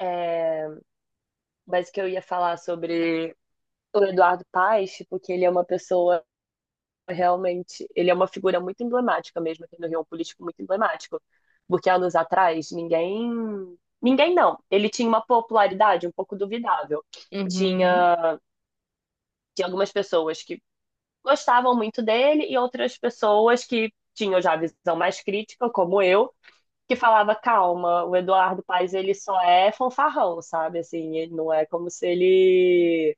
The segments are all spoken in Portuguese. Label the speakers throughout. Speaker 1: É, mas que eu ia falar sobre o Eduardo Paes, tipo, que ele é uma pessoa realmente, ele é uma figura muito emblemática mesmo aqui no Rio, um político muito emblemático, porque anos atrás ninguém não, ele tinha uma popularidade um pouco duvidável.
Speaker 2: Uhum.
Speaker 1: Tinha, tinha algumas pessoas que gostavam muito dele e outras pessoas que tinham já a visão mais crítica, como eu, que falava, calma, o Eduardo Paes, ele só é fanfarrão, sabe? Assim, ele não é como se ele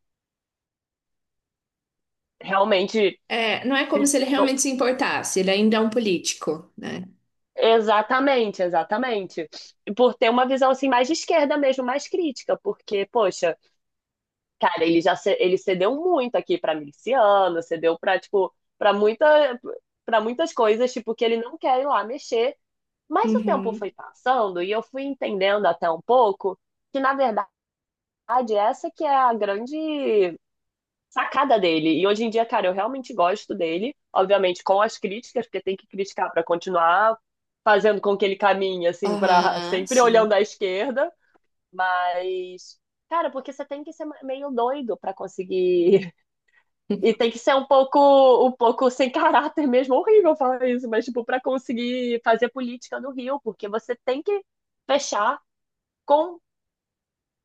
Speaker 1: realmente.
Speaker 2: É, não é como se ele realmente se importasse, ele ainda é um político, né?
Speaker 1: Exatamente, exatamente. E por ter uma visão assim mais de esquerda mesmo, mais crítica, porque, poxa, cara, ele cedeu muito aqui para miliciano, cedeu para tipo para muita para muitas coisas, tipo que ele não quer ir lá mexer, mas o tempo
Speaker 2: Uhum.
Speaker 1: foi passando e eu fui entendendo até um pouco que na verdade essa que é a grande sacada dele. E hoje em dia, cara, eu realmente gosto dele, obviamente com as críticas, porque tem que criticar para continuar fazendo com que ele caminhe assim para
Speaker 2: Aham,
Speaker 1: sempre olhando
Speaker 2: sim.
Speaker 1: à esquerda, mas cara, porque você tem que ser meio doido para conseguir e tem que ser um pouco sem caráter mesmo, horrível falar isso, mas tipo para conseguir fazer política no Rio, porque você tem que fechar com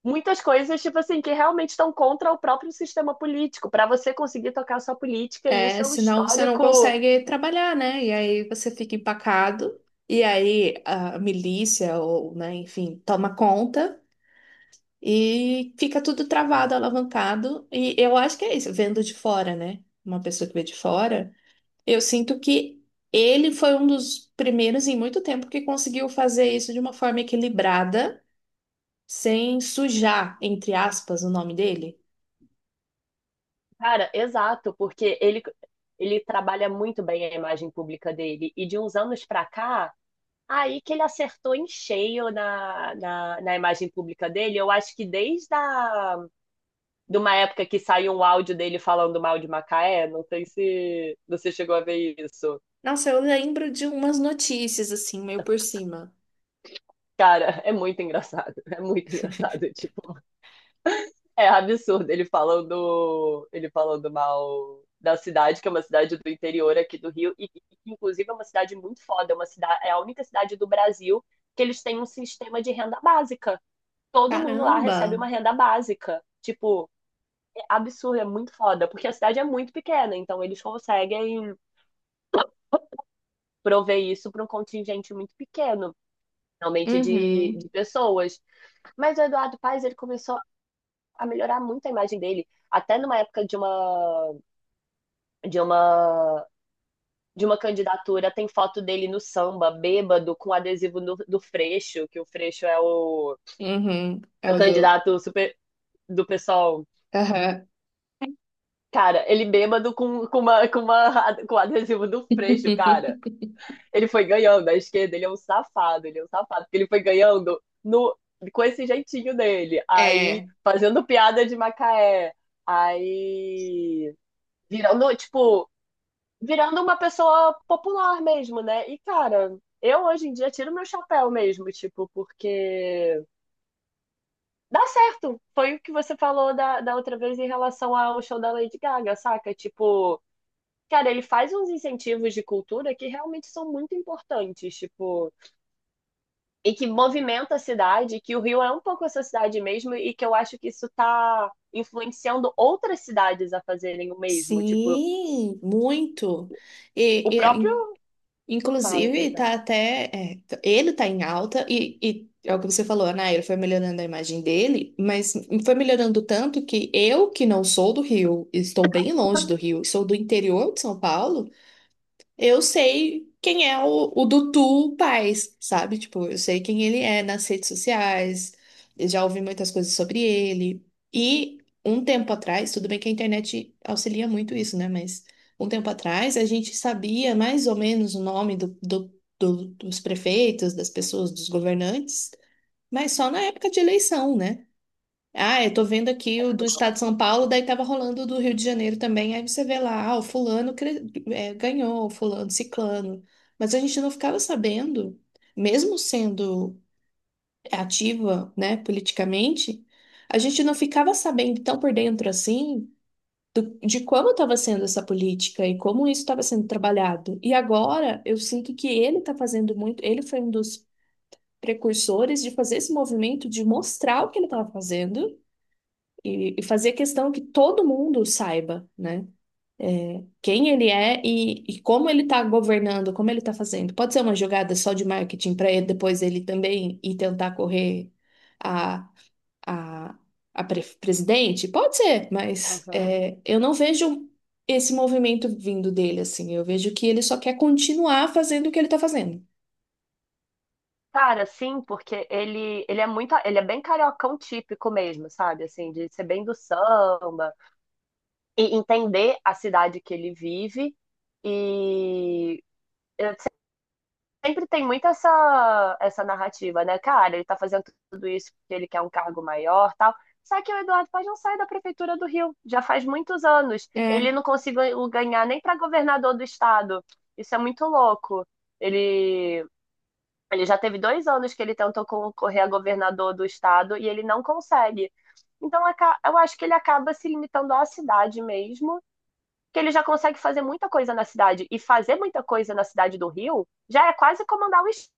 Speaker 1: muitas coisas, tipo assim, que realmente estão contra o próprio sistema político, para você conseguir tocar a sua política, e isso
Speaker 2: É,
Speaker 1: é um
Speaker 2: senão você não
Speaker 1: histórico,
Speaker 2: consegue trabalhar, né? E aí você fica empacado, e aí a milícia, ou, né, enfim, toma conta. E fica tudo travado, alavancado. E eu acho que é isso, vendo de fora, né? Uma pessoa que vê de fora, eu sinto que ele foi um dos primeiros em muito tempo que conseguiu fazer isso de uma forma equilibrada, sem sujar, entre aspas, o nome dele.
Speaker 1: cara, exato, porque ele trabalha muito bem a imagem pública dele, e de uns anos para cá, aí que ele acertou em cheio na imagem pública dele, eu acho que de uma época que saiu um áudio dele falando mal de Macaé, não sei se você chegou a ver isso.
Speaker 2: Nossa, eu lembro de umas notícias assim, meio por cima.
Speaker 1: Cara, é muito engraçado, é muito engraçado, tipo, é absurdo ele falando mal da cidade, que é uma cidade do interior aqui do Rio, e que inclusive é uma cidade muito foda, é, uma cidade, é a única cidade do Brasil que eles têm um sistema de renda básica. Todo mundo lá recebe
Speaker 2: Caramba!
Speaker 1: uma renda básica. Tipo, é absurdo, é muito foda, porque a cidade é muito pequena, então eles conseguem prover isso para um contingente muito pequeno, realmente
Speaker 2: Uhum,
Speaker 1: de pessoas. Mas o Eduardo Paes, ele começou a melhorar muito a imagem dele, até numa época de uma de uma candidatura, tem foto dele no samba, bêbado, com adesivo do Freixo, que o Freixo é o,
Speaker 2: uhum, é
Speaker 1: é o
Speaker 2: o do.
Speaker 1: candidato super do pessoal.
Speaker 2: Aham.
Speaker 1: Cara, ele bêbado com adesivo do Freixo, cara. Ele foi ganhando a esquerda, ele é um safado, porque ele foi ganhando no, com esse jeitinho dele. Aí,
Speaker 2: É.
Speaker 1: fazendo piada de Macaé. Aí, virando, tipo, virando uma pessoa popular mesmo, né? E, cara, eu hoje em dia tiro meu chapéu mesmo, tipo, porque dá certo. Foi o que você falou da outra vez em relação ao show da Lady Gaga, saca? Tipo, cara, ele faz uns incentivos de cultura que realmente são muito importantes, tipo, e que movimenta a cidade, que o Rio é um pouco essa cidade mesmo, e que eu acho que isso tá influenciando outras cidades a fazerem o mesmo, tipo,
Speaker 2: Sim, muito. E,
Speaker 1: o
Speaker 2: e
Speaker 1: próprio. Fala,
Speaker 2: Inclusive,
Speaker 1: perdão.
Speaker 2: tá até. Ele tá em alta e é o que você falou, né? Ele foi melhorando a imagem dele, mas foi melhorando tanto que eu, que não sou do Rio, estou bem longe do Rio, sou do interior de São Paulo. Eu sei quem é o Dudu Paes, sabe? Tipo, eu sei quem ele é nas redes sociais, eu já ouvi muitas coisas sobre ele. E um tempo atrás, tudo bem que a internet auxilia muito isso, né? Mas um tempo atrás a gente sabia mais ou menos o nome dos prefeitos, das pessoas, dos governantes, mas só na época de eleição, né? Ah, eu tô vendo aqui o do estado de São Paulo, daí tava rolando o do Rio de Janeiro também. Aí você vê lá, ah, é, ganhou, o fulano, ciclano. Mas a gente não ficava sabendo, mesmo sendo ativa, né, politicamente, a gente não ficava sabendo tão por dentro assim de como estava sendo essa política e como isso estava sendo trabalhado. E agora eu sinto que ele tá fazendo muito, ele foi um dos precursores de fazer esse movimento de mostrar o que ele estava fazendo e fazer questão que todo mundo saiba, né? Quem ele é e como ele está governando, como ele está fazendo. Pode ser uma jogada só de marketing para ele depois ele também ir tentar correr a, a, presidente? Pode ser, mas
Speaker 1: Aham.
Speaker 2: é, eu não vejo esse movimento vindo dele assim. Eu vejo que ele só quer continuar fazendo o que ele está fazendo.
Speaker 1: Cara, sim, porque ele é muito, ele é bem cariocão típico mesmo, sabe? Assim, de ser bem do samba e entender a cidade que ele vive e sempre tem muito essa narrativa, né? Cara, ele tá fazendo tudo isso porque ele quer um cargo maior, tal. Só que o Eduardo Paz não sai da prefeitura do Rio, já faz muitos anos.
Speaker 2: É,
Speaker 1: Ele não conseguiu ganhar nem para governador do estado. Isso é muito louco. Ele Ele já teve dois anos que ele tentou concorrer a governador do estado e ele não consegue. Então, eu acho que ele acaba se limitando à cidade mesmo, que ele já consegue fazer muita coisa na cidade. E fazer muita coisa na cidade do Rio já é quase comandar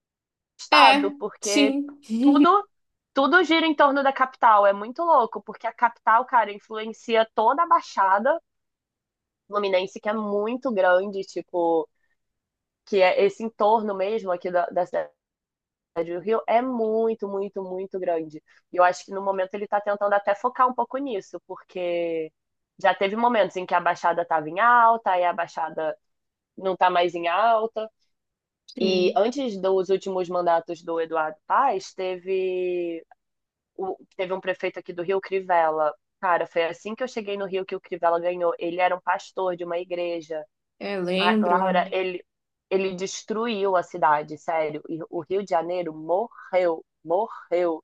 Speaker 1: estado,
Speaker 2: é,
Speaker 1: porque
Speaker 2: sim,
Speaker 1: tudo, tudo gira em torno da capital. É muito louco, porque a capital, cara, influencia toda a Baixada Fluminense, que é muito grande, tipo, que é esse entorno mesmo aqui da cidade do Rio é muito, muito, muito grande. E eu acho que no momento ele está tentando até focar um pouco nisso, porque já teve momentos em que a Baixada estava em alta, aí a Baixada não está mais em alta. E
Speaker 2: sim.
Speaker 1: antes dos últimos mandatos do Eduardo Paes, teve, teve um prefeito aqui do Rio, Crivella. Cara, foi assim que eu cheguei no Rio que o Crivella ganhou. Ele era um pastor de uma igreja.
Speaker 2: É,
Speaker 1: A
Speaker 2: lembro.
Speaker 1: Laura, ele destruiu a cidade, sério. E o Rio de Janeiro morreu, morreu.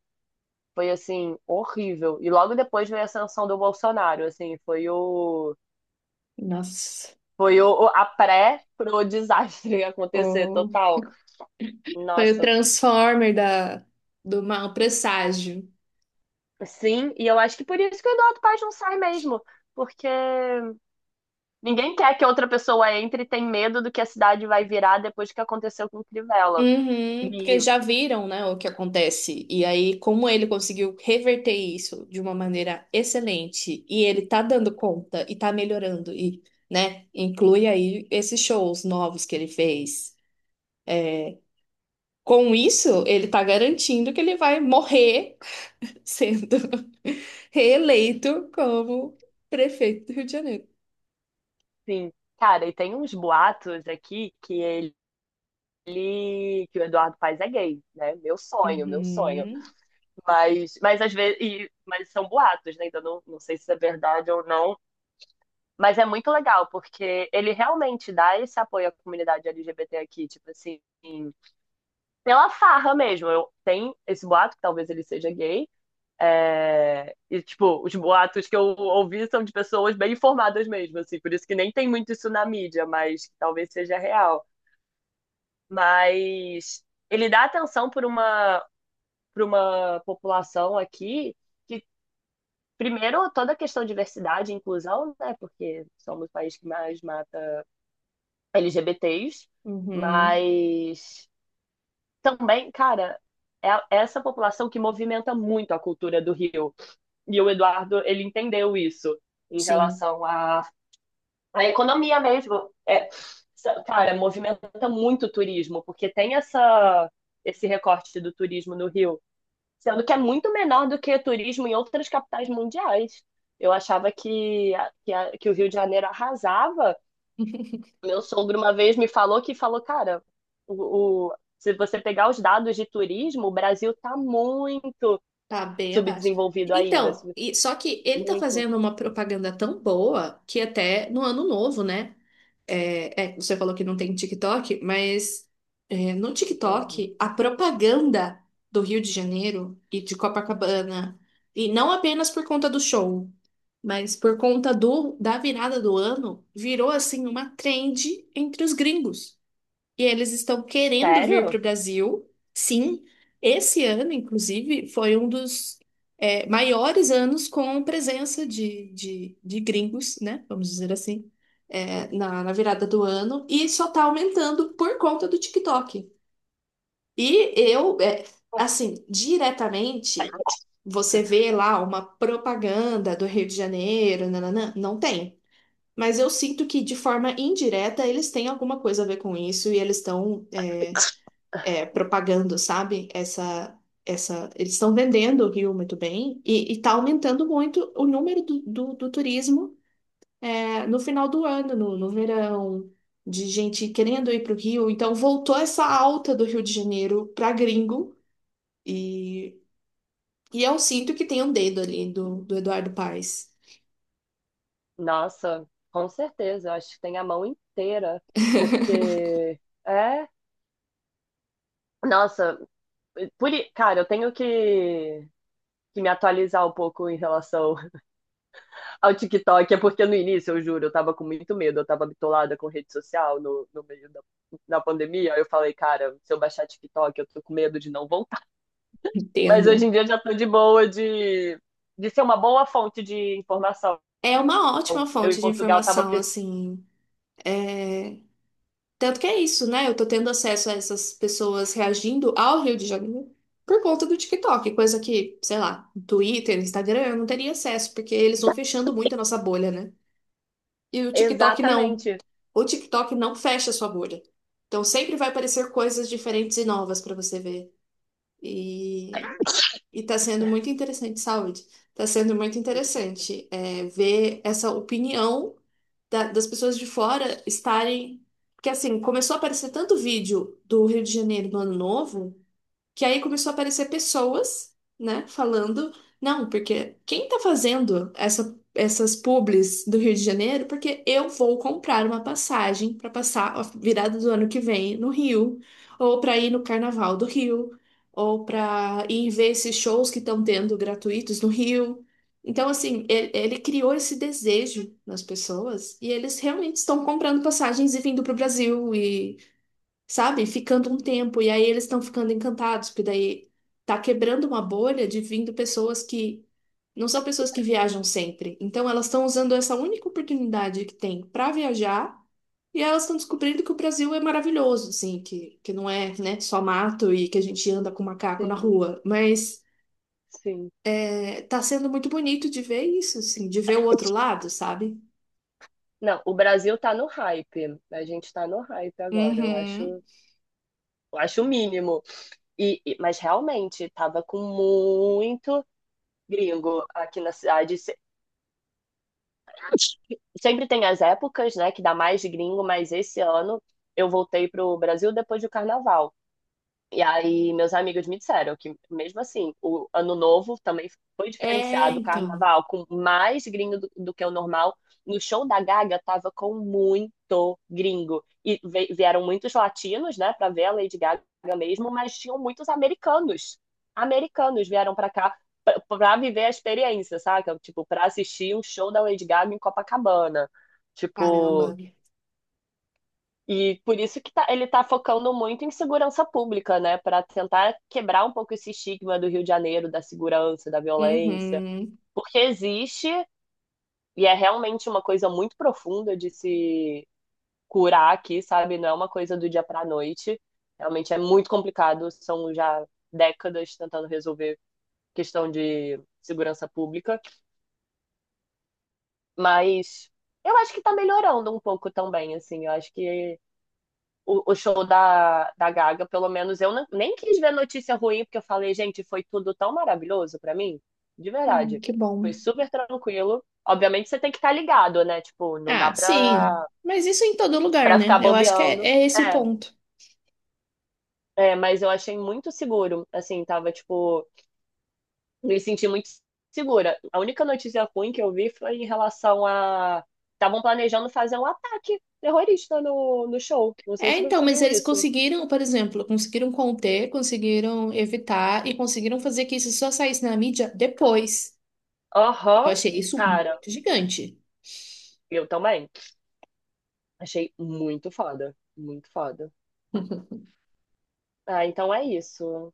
Speaker 1: Foi assim, horrível. E logo depois veio a ascensão do Bolsonaro, assim, foi o
Speaker 2: Nossa.
Speaker 1: foi o, a pré pro desastre acontecer
Speaker 2: O
Speaker 1: total.
Speaker 2: foi o
Speaker 1: Nossa,
Speaker 2: Transformer da, do Mal Presságio.
Speaker 1: sim, e eu acho que por isso que o Eduardo Paes não sai mesmo, porque ninguém quer que outra pessoa entre e tem medo do que a cidade vai virar depois que aconteceu com o Crivella.
Speaker 2: Uhum, porque
Speaker 1: E,
Speaker 2: já viram, né, o que acontece. E aí, como ele conseguiu reverter isso de uma maneira excelente, e ele tá dando conta e tá melhorando, e, né, inclui aí esses shows novos que ele fez. Com isso, ele tá garantindo que ele vai morrer sendo reeleito como prefeito do Rio de Janeiro.
Speaker 1: sim, cara, e tem uns boatos aqui que o Eduardo Paes é gay, né? Meu sonho, meu sonho.
Speaker 2: Uhum,
Speaker 1: Mas às vezes, mas são boatos, né? Ainda não sei se é verdade ou não. Mas é muito legal, porque ele realmente dá esse apoio à comunidade LGBT aqui, tipo assim, pela farra mesmo. Eu, tem esse boato, que talvez ele seja gay. É, e, tipo, os boatos que eu ouvi são de pessoas bem informadas mesmo, assim, por isso que nem tem muito isso na mídia, mas que talvez seja real. Mas ele dá atenção por uma população aqui que primeiro, toda a questão de diversidade e inclusão, né? Porque somos o país que mais mata LGBTs,
Speaker 2: uhum,
Speaker 1: mas também, cara, é essa população que movimenta muito a cultura do Rio. E o Eduardo, ele entendeu isso em
Speaker 2: sim.
Speaker 1: relação à economia mesmo. É, cara, movimenta muito o turismo, porque tem esse recorte do turismo no Rio. Sendo que é muito menor do que turismo em outras capitais mundiais. Eu achava que o Rio de Janeiro arrasava. Meu sogro uma vez me falou que falou, cara, se você pegar os dados de turismo, o Brasil tá muito
Speaker 2: Tá bem abaixo.
Speaker 1: subdesenvolvido ainda.
Speaker 2: Então,
Speaker 1: Sub-
Speaker 2: e, só que ele tá
Speaker 1: muito.
Speaker 2: fazendo uma propaganda tão boa que até no ano novo, né? É, é, você falou que não tem TikTok, mas é, no
Speaker 1: Uhum.
Speaker 2: TikTok, a propaganda do Rio de Janeiro e de Copacabana, e não apenas por conta do show, mas por conta do, da virada do ano, virou assim uma trend entre os gringos. E eles estão querendo vir para
Speaker 1: Sério?
Speaker 2: o Brasil, sim. Esse ano, inclusive, foi um dos maiores anos com presença de gringos, né? Vamos dizer assim, é, na virada do ano. E só está aumentando por conta do TikTok. E eu, é, assim, diretamente, você vê lá uma propaganda do Rio de Janeiro, nananã, não tem. Mas eu sinto que, de forma indireta, eles têm alguma coisa a ver com isso e eles estão propagando, sabe? Essa, eles estão vendendo o Rio muito bem e está aumentando muito o número do turismo é, no final do ano, no verão, de gente querendo ir para o Rio. Então voltou essa alta do Rio de Janeiro para gringo e, e eu sinto que tem um dedo ali do Eduardo Paes.
Speaker 1: Nossa, com certeza. Eu acho que tem a mão inteira. Porque. É. Nossa, cara, eu tenho que me atualizar um pouco em relação ao TikTok. É porque no início, eu juro, eu tava com muito medo, eu tava bitolada com rede social no meio da pandemia. Aí eu falei, cara, se eu baixar TikTok, eu tô com medo de não voltar. Mas hoje
Speaker 2: Entendo.
Speaker 1: em dia já tô de boa de ser uma boa fonte de informação.
Speaker 2: É uma ótima
Speaker 1: Eu em
Speaker 2: fonte de
Speaker 1: Portugal tava.
Speaker 2: informação,
Speaker 1: Pres-
Speaker 2: assim. é, Tanto que é isso, né? Eu tô tendo acesso a essas pessoas reagindo ao Rio de Janeiro por conta do TikTok, coisa que, sei lá, Twitter, Instagram, eu não teria acesso, porque eles vão fechando muito a nossa bolha, né? E o TikTok não.
Speaker 1: exatamente.
Speaker 2: O TikTok não fecha a sua bolha. Então sempre vai aparecer coisas diferentes e novas pra você ver. E, e tá sendo muito interessante, saúde. Tá sendo muito interessante é, ver essa opinião das pessoas de fora estarem. Porque assim, começou a aparecer tanto vídeo do Rio de Janeiro no Ano Novo. Que aí começou a aparecer pessoas, né, falando, não, porque quem tá fazendo essas publis do Rio de Janeiro? Porque eu vou comprar uma passagem para passar a virada do ano que vem no Rio, ou para ir no Carnaval do Rio, ou para ir ver esses shows que estão tendo gratuitos no Rio. Então, assim, ele criou esse desejo nas pessoas e eles realmente estão comprando passagens e vindo para o Brasil, sabe? Ficando um tempo. E aí eles estão ficando encantados, porque daí tá quebrando uma bolha de vindo pessoas que não são pessoas que viajam sempre. Então elas estão usando essa única oportunidade que tem para viajar. E elas estão descobrindo que o Brasil é maravilhoso, assim, que não é, né, só mato e que a gente anda com macaco na
Speaker 1: Sim,
Speaker 2: rua. Mas
Speaker 1: sim.
Speaker 2: é, tá sendo muito bonito de ver isso, assim, de ver o outro lado, sabe?
Speaker 1: Não, o Brasil tá no hype. A gente tá no hype agora, eu
Speaker 2: Uhum.
Speaker 1: acho. Eu acho o mínimo. Mas realmente, tava com muito gringo aqui na cidade. Se- sempre tem as épocas, né, que dá mais gringo, mas esse ano eu voltei pro Brasil depois do carnaval. E aí, meus amigos me disseram que, mesmo assim, o Ano Novo também foi
Speaker 2: É,
Speaker 1: diferenciado, o
Speaker 2: então.
Speaker 1: Carnaval com mais gringo do que o normal. No show da Gaga, tava com muito gringo. E ve- vieram muitos latinos, né, pra ver a Lady Gaga mesmo, mas tinham muitos americanos. Americanos vieram pra cá pra viver a experiência, saca? Tipo, pra assistir um show da Lady Gaga em Copacabana.
Speaker 2: Caramba.
Speaker 1: Tipo. E por isso ele está focando muito em segurança pública, né? Para tentar quebrar um pouco esse estigma do Rio de Janeiro, da segurança, da violência.
Speaker 2: Uhum.
Speaker 1: Porque existe, e é realmente uma coisa muito profunda de se curar aqui, sabe? Não é uma coisa do dia para a noite. Realmente é muito complicado. São já décadas tentando resolver questão de segurança pública. Mas eu acho que está melhorando um pouco também, assim. Eu acho que o show da Gaga, pelo menos eu não- nem quis ver notícia ruim, porque eu falei, gente, foi tudo tão maravilhoso pra mim, de verdade.
Speaker 2: Que bom.
Speaker 1: Foi super tranquilo. Obviamente você tem que estar ligado, né? Tipo, não dá
Speaker 2: Ah, sim.
Speaker 1: pra,
Speaker 2: Mas isso em todo lugar,
Speaker 1: pra
Speaker 2: né?
Speaker 1: ficar
Speaker 2: Eu acho que
Speaker 1: bobeando.
Speaker 2: é esse o
Speaker 1: É,
Speaker 2: ponto.
Speaker 1: é, mas eu achei muito seguro, assim, tava, tipo, me senti muito segura. A única notícia ruim que eu vi foi em relação a. Estavam planejando fazer um ataque terrorista no show. Não sei
Speaker 2: É,
Speaker 1: se
Speaker 2: então,
Speaker 1: você
Speaker 2: mas
Speaker 1: viu
Speaker 2: eles
Speaker 1: isso.
Speaker 2: conseguiram, por exemplo, conseguiram conter, conseguiram evitar e conseguiram fazer que isso só saísse na mídia depois. Eu
Speaker 1: Aham,
Speaker 2: achei isso
Speaker 1: cara,
Speaker 2: muito gigante.
Speaker 1: eu também. Achei muito foda, muito foda. Ah, então é isso.